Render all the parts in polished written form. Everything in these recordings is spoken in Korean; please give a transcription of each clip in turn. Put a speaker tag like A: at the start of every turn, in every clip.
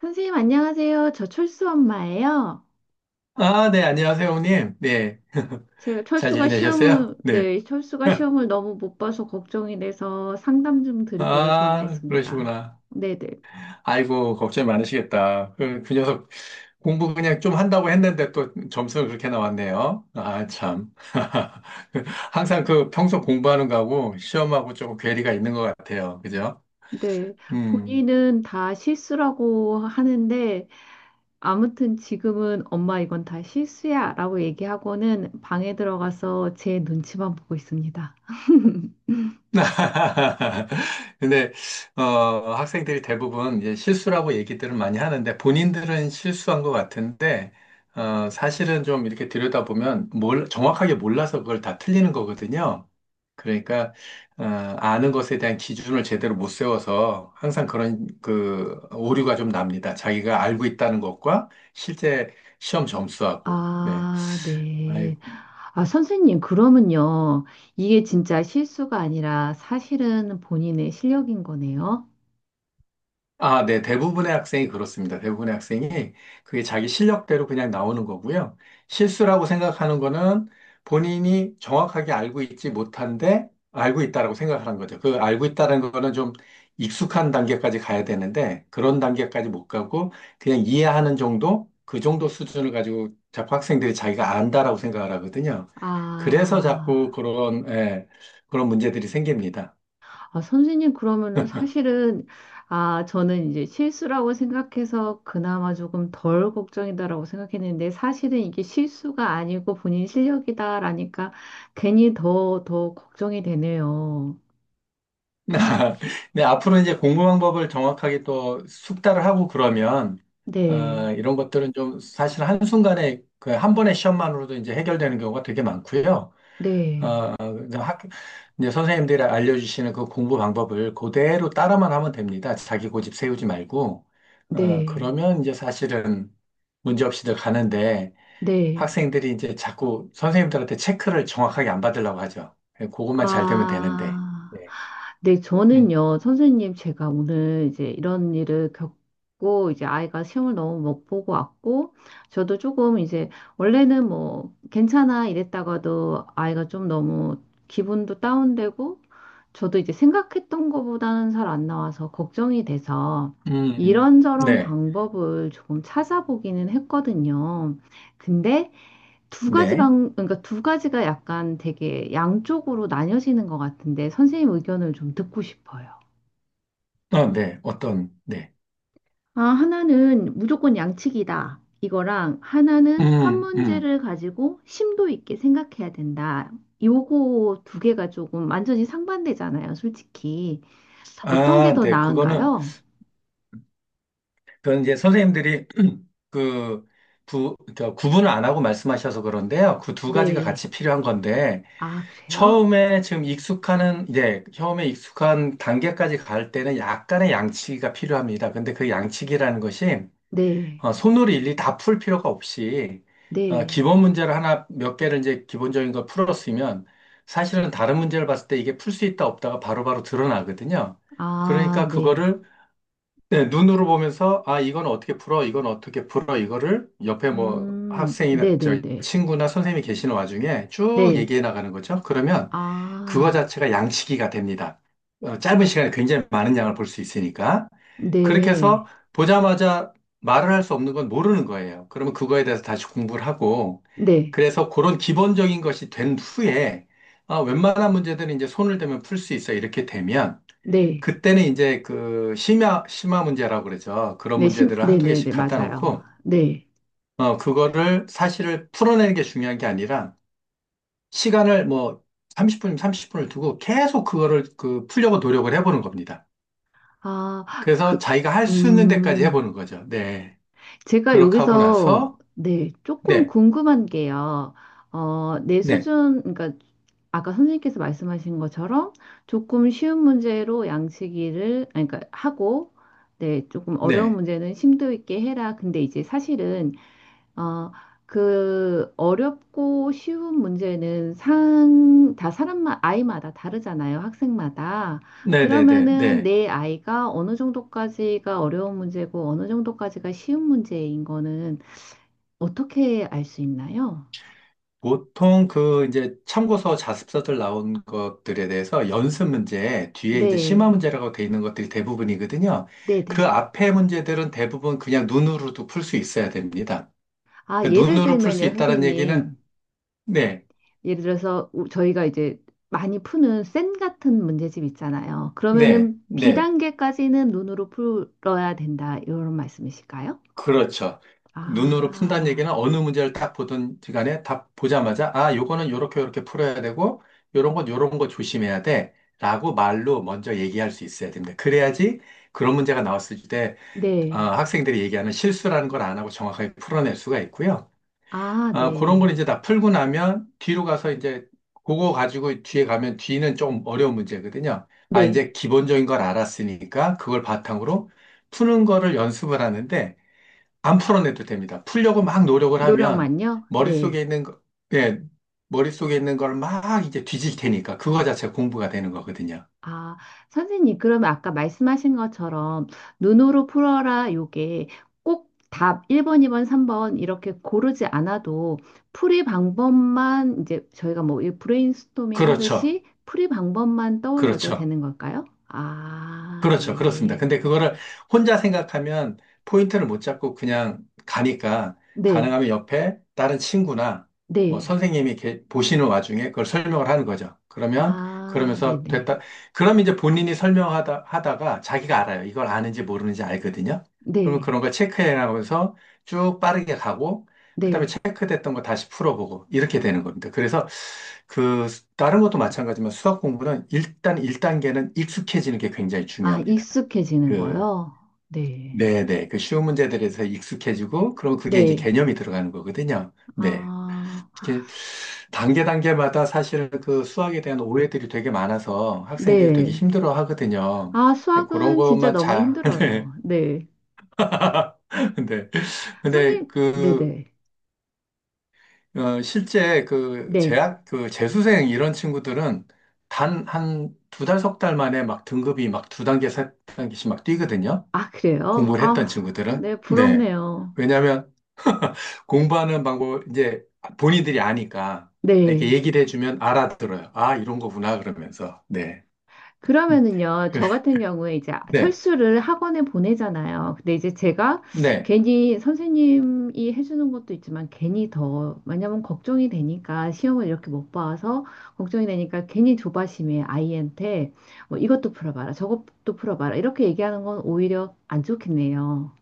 A: 선생님, 안녕하세요. 저 철수 엄마예요.
B: 아, 네, 안녕하세요, 형님. 네.
A: 제가
B: 잘 지내셨어요? 네.
A: 네, 철수가 시험을 너무 못 봐서 걱정이 돼서 상담 좀 드리고자
B: 아,
A: 전화했습니다.
B: 그러시구나.
A: 네네. 네.
B: 아이고, 걱정이 많으시겠다. 그 녀석 공부 그냥 좀 한다고 했는데 또 점수가 그렇게 나왔네요. 아, 참. 항상 그 평소 공부하는 거하고 시험하고 조금 괴리가 있는 것 같아요. 그죠?
A: 네.
B: 음.
A: 본인은 다 실수라고 하는데, 아무튼 지금은 엄마 이건 다 실수야 라고 얘기하고는 방에 들어가서 제 눈치만 보고 있습니다.
B: 근데 어, 학생들이 대부분 이제 실수라고 얘기들을 많이 하는데 본인들은 실수한 것 같은데 사실은 좀 이렇게 들여다보면 정확하게 몰라서 그걸 다 틀리는 거거든요. 그러니까 아는 것에 대한 기준을 제대로 못 세워서 항상 그런 그 오류가 좀 납니다. 자기가 알고 있다는 것과 실제 시험 점수하고. 네.
A: 아, 네. 아, 선생님, 그러면요. 이게 진짜 실수가 아니라 사실은 본인의 실력인 거네요.
B: 아, 네. 대부분의 학생이 그렇습니다. 대부분의 학생이 그게 자기 실력대로 그냥 나오는 거고요. 실수라고 생각하는 거는 본인이 정확하게 알고 있지 못한데 알고 있다라고 생각하는 거죠. 그 알고 있다는 거는 좀 익숙한 단계까지 가야 되는데 그런 단계까지 못 가고 그냥 이해하는 정도? 그 정도 수준을 가지고 자꾸 학생들이 자기가 안다라고 생각을 하거든요. 그래서 자꾸
A: 아,
B: 예, 그런 문제들이 생깁니다.
A: 아, 선생님, 그러면은 사실은, 아, 저는 이제 실수라고 생각해서 그나마 조금 덜 걱정이다라고 생각했는데 사실은 이게 실수가 아니고 본인 실력이다라니까 괜히 더 걱정이 되네요.
B: 네, 앞으로 이제 공부 방법을 정확하게 또 숙달을 하고 그러면,
A: 네,
B: 이런 것들은 좀 사실 한순간에 그 한 번의 시험만으로도 이제 해결되는 경우가 되게 많고요.
A: 네,
B: 어, 이제 학, 이제 선생님들이 알려주시는 그 공부 방법을 그대로 따라만 하면 됩니다. 자기 고집 세우지 말고.
A: 네,
B: 그러면 이제 사실은 문제 없이들 가는데
A: 네.
B: 학생들이 이제 자꾸 선생님들한테 체크를 정확하게 안 받으려고 하죠. 예, 그것만 잘 되면 되는데.
A: 아.
B: 네.
A: 네,
B: 음,
A: 저는요, 선생님, 제가 오늘 이제 이런 일을 겪고, 이제 아이가 시험을 너무 못 보고 왔고, 저도 조금 이제, 원래는 뭐, 괜찮아 이랬다가도 아이가 좀 너무 기분도 다운되고, 저도 이제 생각했던 것보다는 잘 안 나와서 걱정이 돼서, 이런저런
B: 네.
A: 방법을 조금 찾아보기는 했거든요. 근데,
B: 네.
A: 그러니까 두 가지가 약간 되게 양쪽으로 나뉘어지는 것 같은데 선생님 의견을 좀 듣고 싶어요.
B: 어, 네. 네.
A: 아, 하나는 무조건 양측이다. 이거랑 하나는 한
B: 음, 음.
A: 문제를 가지고 심도 있게 생각해야 된다. 요거 두 개가 조금 완전히 상반되잖아요, 솔직히. 어떤 게
B: 아,
A: 더
B: 네.
A: 나은가요?
B: 그건 이제 선생님들이 그, 그 구분을 안 하고 말씀하셔서 그런데요. 그 두 가지가
A: 네.
B: 같이 필요한 건데,
A: 아, 그래요?
B: 예, 처음에 익숙한 단계까지 갈 때는 약간의 양치기가 필요합니다. 근데 그 양치기라는 것이
A: 네.
B: 손으로 일일이 다 풀 필요가 없이 기본
A: 네.
B: 문제를 하나 몇 개를 이제 기본적인 걸 풀었으면 사실은 다른 문제를 봤을 때 이게 풀 수 있다 없다가 바로바로 드러나거든요.
A: 아,
B: 그러니까
A: 네.
B: 그거를, 네, 눈으로 보면서 아, 이건 어떻게 풀어, 이건 어떻게 풀어, 이거를 옆에 뭐 학생이나
A: 네네네.
B: 저
A: 네.
B: 친구나 선생님이 계시는 와중에 쭉
A: 네. 네.
B: 얘기해 나가는 거죠. 그러면 그거
A: 아.
B: 자체가 양치기가 됩니다. 짧은 시간에 굉장히 많은 양을 볼 수 있으니까. 그렇게 해서
A: 네,
B: 보자마자 말을 할 수 없는 건 모르는 거예요. 그러면 그거에 대해서 다시 공부를 하고,
A: 네,
B: 그래서 그런 기본적인 것이 된 후에, 아, 웬만한 문제들은 이제 손을 대면 풀 수 있어. 이렇게 되면,
A: 네,
B: 그때는 이제 그 심화 문제라고 그러죠. 그런
A: 네,
B: 문제들을
A: 네,
B: 한두
A: 네,
B: 개씩
A: 네,
B: 갖다
A: 맞아요.
B: 놓고,
A: 네.
B: 그거를 사실을 풀어내는 게 중요한 게 아니라, 시간을 뭐 30분, 30분을 두고 계속 그거를 그 풀려고 노력을 해보는 겁니다.
A: 아,
B: 그래서
A: 그,
B: 자기가 할 수 있는 데까지
A: 음,
B: 해보는 거죠. 네.
A: 제가
B: 그렇게 하고
A: 여기서,
B: 나서,
A: 네, 조금
B: 네,
A: 궁금한 게요. 어, 내
B: 네,
A: 수준, 그러니까 아까 선생님께서 말씀하신 것처럼 조금 쉬운 문제로 양치기를, 아니, 그러니까 하고, 네, 조금 어려운
B: 네,
A: 문제는 심도 있게 해라. 근데 이제 사실은 어, 그 어렵고 쉬운 문제는 아이마다 다르잖아요. 학생마다.
B: 네, 네, 네,
A: 그러면은
B: 네.
A: 내 아이가 어느 정도까지가 어려운 문제고 어느 정도까지가 쉬운 문제인 거는 어떻게 알 수 있나요?
B: 보통 그 이제 참고서 자습서들 나온 것들에 대해서 연습 문제 뒤에 이제 심화
A: 네.
B: 문제라고 돼 있는 것들이 대부분이거든요. 그
A: 네네.
B: 앞에 문제들은 대부분 그냥 눈으로도 풀 수 있어야 됩니다.
A: 아,
B: 그러니까
A: 예를
B: 눈으로 풀 수
A: 들면요,
B: 있다는 얘기는,
A: 선생님.
B: 네,
A: 예를 들어서 저희가 이제 많이 푸는 센 같은 문제집 있잖아요.
B: 네,
A: 그러면은
B: 네.
A: 비단계까지는 눈으로 풀어야 된다. 이런 말씀이실까요?
B: 그렇죠. 그 눈으로 푼다는
A: 아,
B: 얘기는 어느 문제를 딱 보든 간에 답 보자마자, 아, 요거는 요렇게 요렇게 풀어야 되고, 요런 건 요런 거 조심해야 돼, 라고 말로 먼저 얘기할 수 있어야 됩니다. 그래야지 그런 문제가 나왔을 때,
A: 네.
B: 아, 학생들이 얘기하는 실수라는 걸 안 하고 정확하게 풀어낼 수가 있고요.
A: 아,
B: 아, 그런 걸
A: 네.
B: 이제 다 풀고 나면 뒤로 가서 이제 그거 가지고 뒤에 가면 뒤는 좀 어려운 문제거든요. 아,
A: 네.
B: 이제 기본적인 걸 알았으니까 그걸 바탕으로 푸는 거를 연습을 하는데, 안 풀어내도 됩니다. 풀려고 막 노력을 하면
A: 노력만요? 네.
B: 머릿속에 있는 거, 예, 머릿속에 있는 걸 막 이제 뒤질 테니까 그거 자체가 공부가 되는 거거든요.
A: 아, 선생님, 그러면 아까 말씀하신 것처럼 눈으로 풀어라 요게 꼭 답 1번, 2번, 3번 이렇게 고르지 않아도 풀이 방법만 이제 저희가 뭐이 브레인스토밍
B: 그렇죠.
A: 하듯이 풀이 방법만 떠올려도
B: 그렇죠.
A: 되는 걸까요? 아,
B: 그렇죠. 그렇습니다.
A: 네.
B: 근데 그거를 혼자 생각하면 포인트를 못 잡고 그냥 가니까
A: 네.
B: 가능하면 옆에 다른 친구나 뭐
A: 네.
B: 선생님이 이렇게 보시는 와중에 그걸 설명을 하는 거죠. 그러면,
A: 아,
B: 그러면서
A: 네네.
B: 됐다. 그럼 이제 본인이 하다가 자기가 알아요. 이걸 아는지 모르는지 알거든요. 그러면
A: 네.
B: 그런 걸 체크해 나가면서 쭉 빠르게 가고
A: 네.
B: 그다음에
A: 네.
B: 체크됐던 거 다시 풀어보고 이렇게 되는 겁니다. 그래서 다른 것도 마찬가지지만 수학 공부는 일단 1단계는 익숙해지는 게 굉장히
A: 아,
B: 중요합니다.
A: 익숙해지는
B: 그
A: 거요? 네.
B: 네네, 그 쉬운 문제들에서 익숙해지고 그럼 그게 이제
A: 네.
B: 개념이 들어가는 거거든요. 네.
A: 아,
B: 이렇게 단계 단계마다 사실 그 수학에 대한 오해들이 되게 많아서 학생들이 되게
A: 네.
B: 힘들어 하거든요.
A: 아,
B: 그런
A: 수학은 진짜
B: 것만
A: 너무
B: 잘, 네.
A: 힘들어요. 네.
B: 근데
A: 선생님, 네네.
B: 실제 그
A: 네.
B: 그 재수생 이런 친구들은 단 한 두 달, 석 달 만에 막 등급이 막 두 단계, 세 단계씩 막 뛰거든요.
A: 아, 그래요?
B: 공부를 했던
A: 아,
B: 친구들은.
A: 네,
B: 네.
A: 부럽네요.
B: 왜냐하면 공부하는 방법, 이제 본인들이 아니까 이렇게
A: 네.
B: 얘기를 해주면 알아들어요. 아, 이런 거구나, 그러면서. 네. 음.
A: 그러면은요, 저 같은 경우에 이제
B: 네.
A: 철수를 학원에 보내잖아요. 근데 이제 제가
B: 네.
A: 괜히 선생님이 해주는 것도 있지만 괜히 더, 왜냐면 걱정이 되니까 시험을 이렇게 못 봐서 걱정이 되니까 괜히 조바심에 아이한테 뭐 이것도 풀어봐라, 저것도 풀어봐라 이렇게 얘기하는 건 오히려 안 좋겠네요.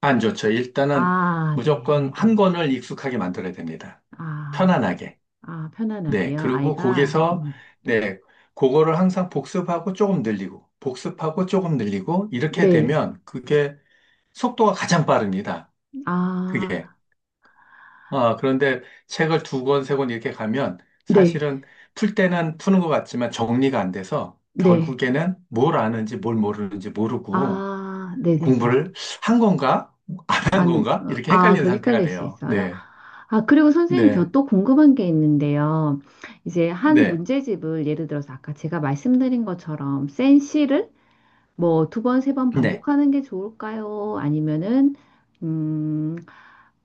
B: 안 좋죠. 일단은
A: 아, 네, 네,
B: 무조건 한
A: 네.
B: 권을 익숙하게 만들어야 됩니다.
A: 아,
B: 편안하게.
A: 아,
B: 네,
A: 편안하게요.
B: 그리고
A: 아이가,
B: 거기서, 네, 그거를 항상 복습하고 조금 늘리고, 복습하고 조금 늘리고, 이렇게
A: 네.
B: 되면 그게 속도가 가장 빠릅니다.
A: 아,
B: 그게. 아, 그런데 책을 두 권, 세 권 이렇게 가면
A: 네,
B: 사실은 풀 때는 푸는 것 같지만 정리가 안 돼서
A: 네.
B: 결국에는 뭘 아는지 뭘 모르는지 모르고
A: 아, 네, 네, 네.
B: 공부를 한 건가? 안 한 건가? 이렇게
A: 아,
B: 헷갈리는
A: 그렇게
B: 상태가
A: 헷갈릴 수
B: 돼요.
A: 있어요.
B: 네,
A: 아, 그리고 선생님, 저
B: 네,
A: 또 궁금한 게 있는데요. 이제 한
B: 네,
A: 문제집을 예를 들어서 아까 제가 말씀드린 것처럼 센 시를 뭐 두 번, 세 번
B: 네,
A: 반복하는 게 좋을까요? 아니면은, 음,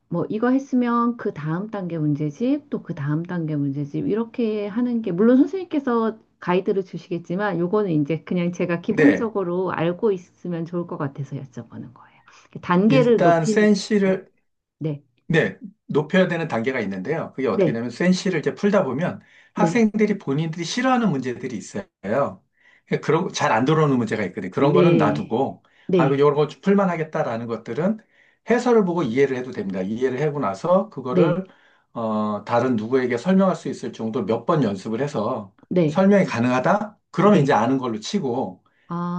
A: 뭐 이거 했으면 그 다음 단계 문제집, 또 그 다음 단계 문제집, 이렇게 하는 게, 물론 선생님께서 가이드를 주시겠지만, 요거는 이제 그냥 제가
B: 네.
A: 기본적으로 알고 있으면 좋을 것 같아서 여쭤보는 거예요. 단계를
B: 일단
A: 높이는 게 좋을까요?
B: 센시를,
A: 네,
B: 네, 높여야 되는 단계가 있는데요. 그게 어떻게
A: 네,
B: 되냐면 센시를 이제 풀다 보면
A: 네,
B: 학생들이 본인들이 싫어하는 문제들이 있어요. 그러니까 그런 잘 안 들어오는 문제가 있거든요. 그런 거는
A: 네,
B: 놔두고 아,
A: 네,
B: 이런 거 좀 풀만 하겠다라는 것들은 해설을 보고 이해를 해도 됩니다. 이해를 하고 나서
A: 네,
B: 그거를 다른 누구에게 설명할 수 있을 정도로 몇 번 연습을 해서
A: 네,
B: 설명이 가능하다? 그러면 이제
A: 네.
B: 아는 걸로 치고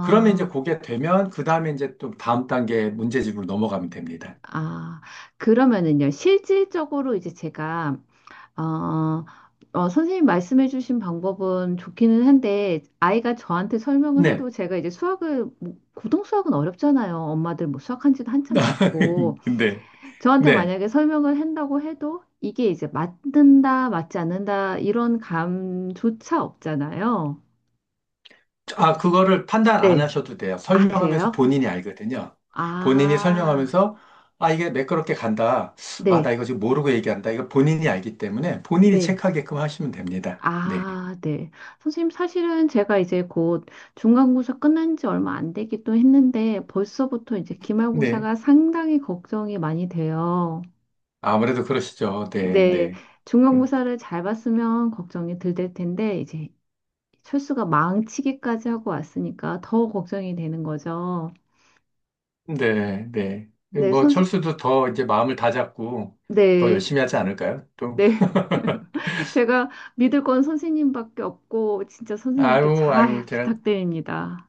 B: 그러면 이제 그게 되면 그 다음에 이제 또 다음 단계 문제집으로 넘어가면 됩니다.
A: 아, 그러면은요, 실질적으로 이제 제가, 어, 선생님 말씀해주신 방법은 좋기는 한데, 아이가 저한테 설명을
B: 네.
A: 해도 제가 이제 수학을, 뭐, 고등 수학은 어렵잖아요. 엄마들 뭐 수학한 지도 한참 됐고,
B: 네,
A: 저한테
B: 네.
A: 만약에 설명을 한다고 해도, 이게 이제 맞는다, 맞지 않는다, 이런 감조차 없잖아요.
B: 아, 그거를 판단 안
A: 네.
B: 하셔도 돼요.
A: 아,
B: 설명하면서
A: 그래요?
B: 본인이 알거든요. 본인이
A: 아,
B: 설명하면서, 아, 이게 매끄럽게 간다. 아, 나
A: 네,
B: 이거 지금 모르고 얘기한다. 이거 본인이 알기 때문에 본인이
A: 네.
B: 체크하게끔 하시면 됩니다. 네,
A: 아, 네. 선생님, 사실은 제가 이제 곧 중간고사 끝난 지 얼마 안 되기도 했는데 벌써부터 이제
B: 네.
A: 기말고사가 상당히 걱정이 많이 돼요.
B: 아무래도 그러시죠. 네,
A: 네,
B: 네. 음,
A: 중간고사를 잘 봤으면 걱정이 덜 될 텐데 이제 철수가 망치기까지 하고 왔으니까 더 걱정이 되는 거죠.
B: 네, 네.
A: 네,
B: 뭐, 철수도 더 이제 마음을 다잡고 더
A: 네,
B: 열심히 하지 않을까요? 또.
A: 네. 제가 믿을 건 선생님밖에 없고, 진짜 선생님께
B: 아유, 아유,
A: 잘
B: 제가
A: 부탁드립니다.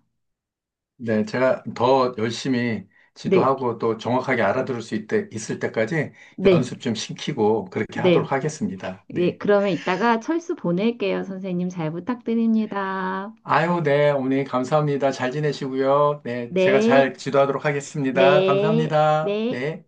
B: 네, 제가 더 열심히
A: 네,
B: 지도하고 또 정확하게 알아들을 수 있을 때까지
A: 네,
B: 연습 좀 시키고 그렇게
A: 네.
B: 하도록 하겠습니다.
A: 네,
B: 네.
A: 그러면 이따가 철수 보낼게요. 선생님 잘 부탁드립니다.
B: 아유, 네, 어머니 감사합니다. 잘 지내시고요. 네, 제가
A: 네,
B: 잘 지도하도록 하겠습니다.
A: 네,
B: 감사합니다.
A: 네.
B: 네.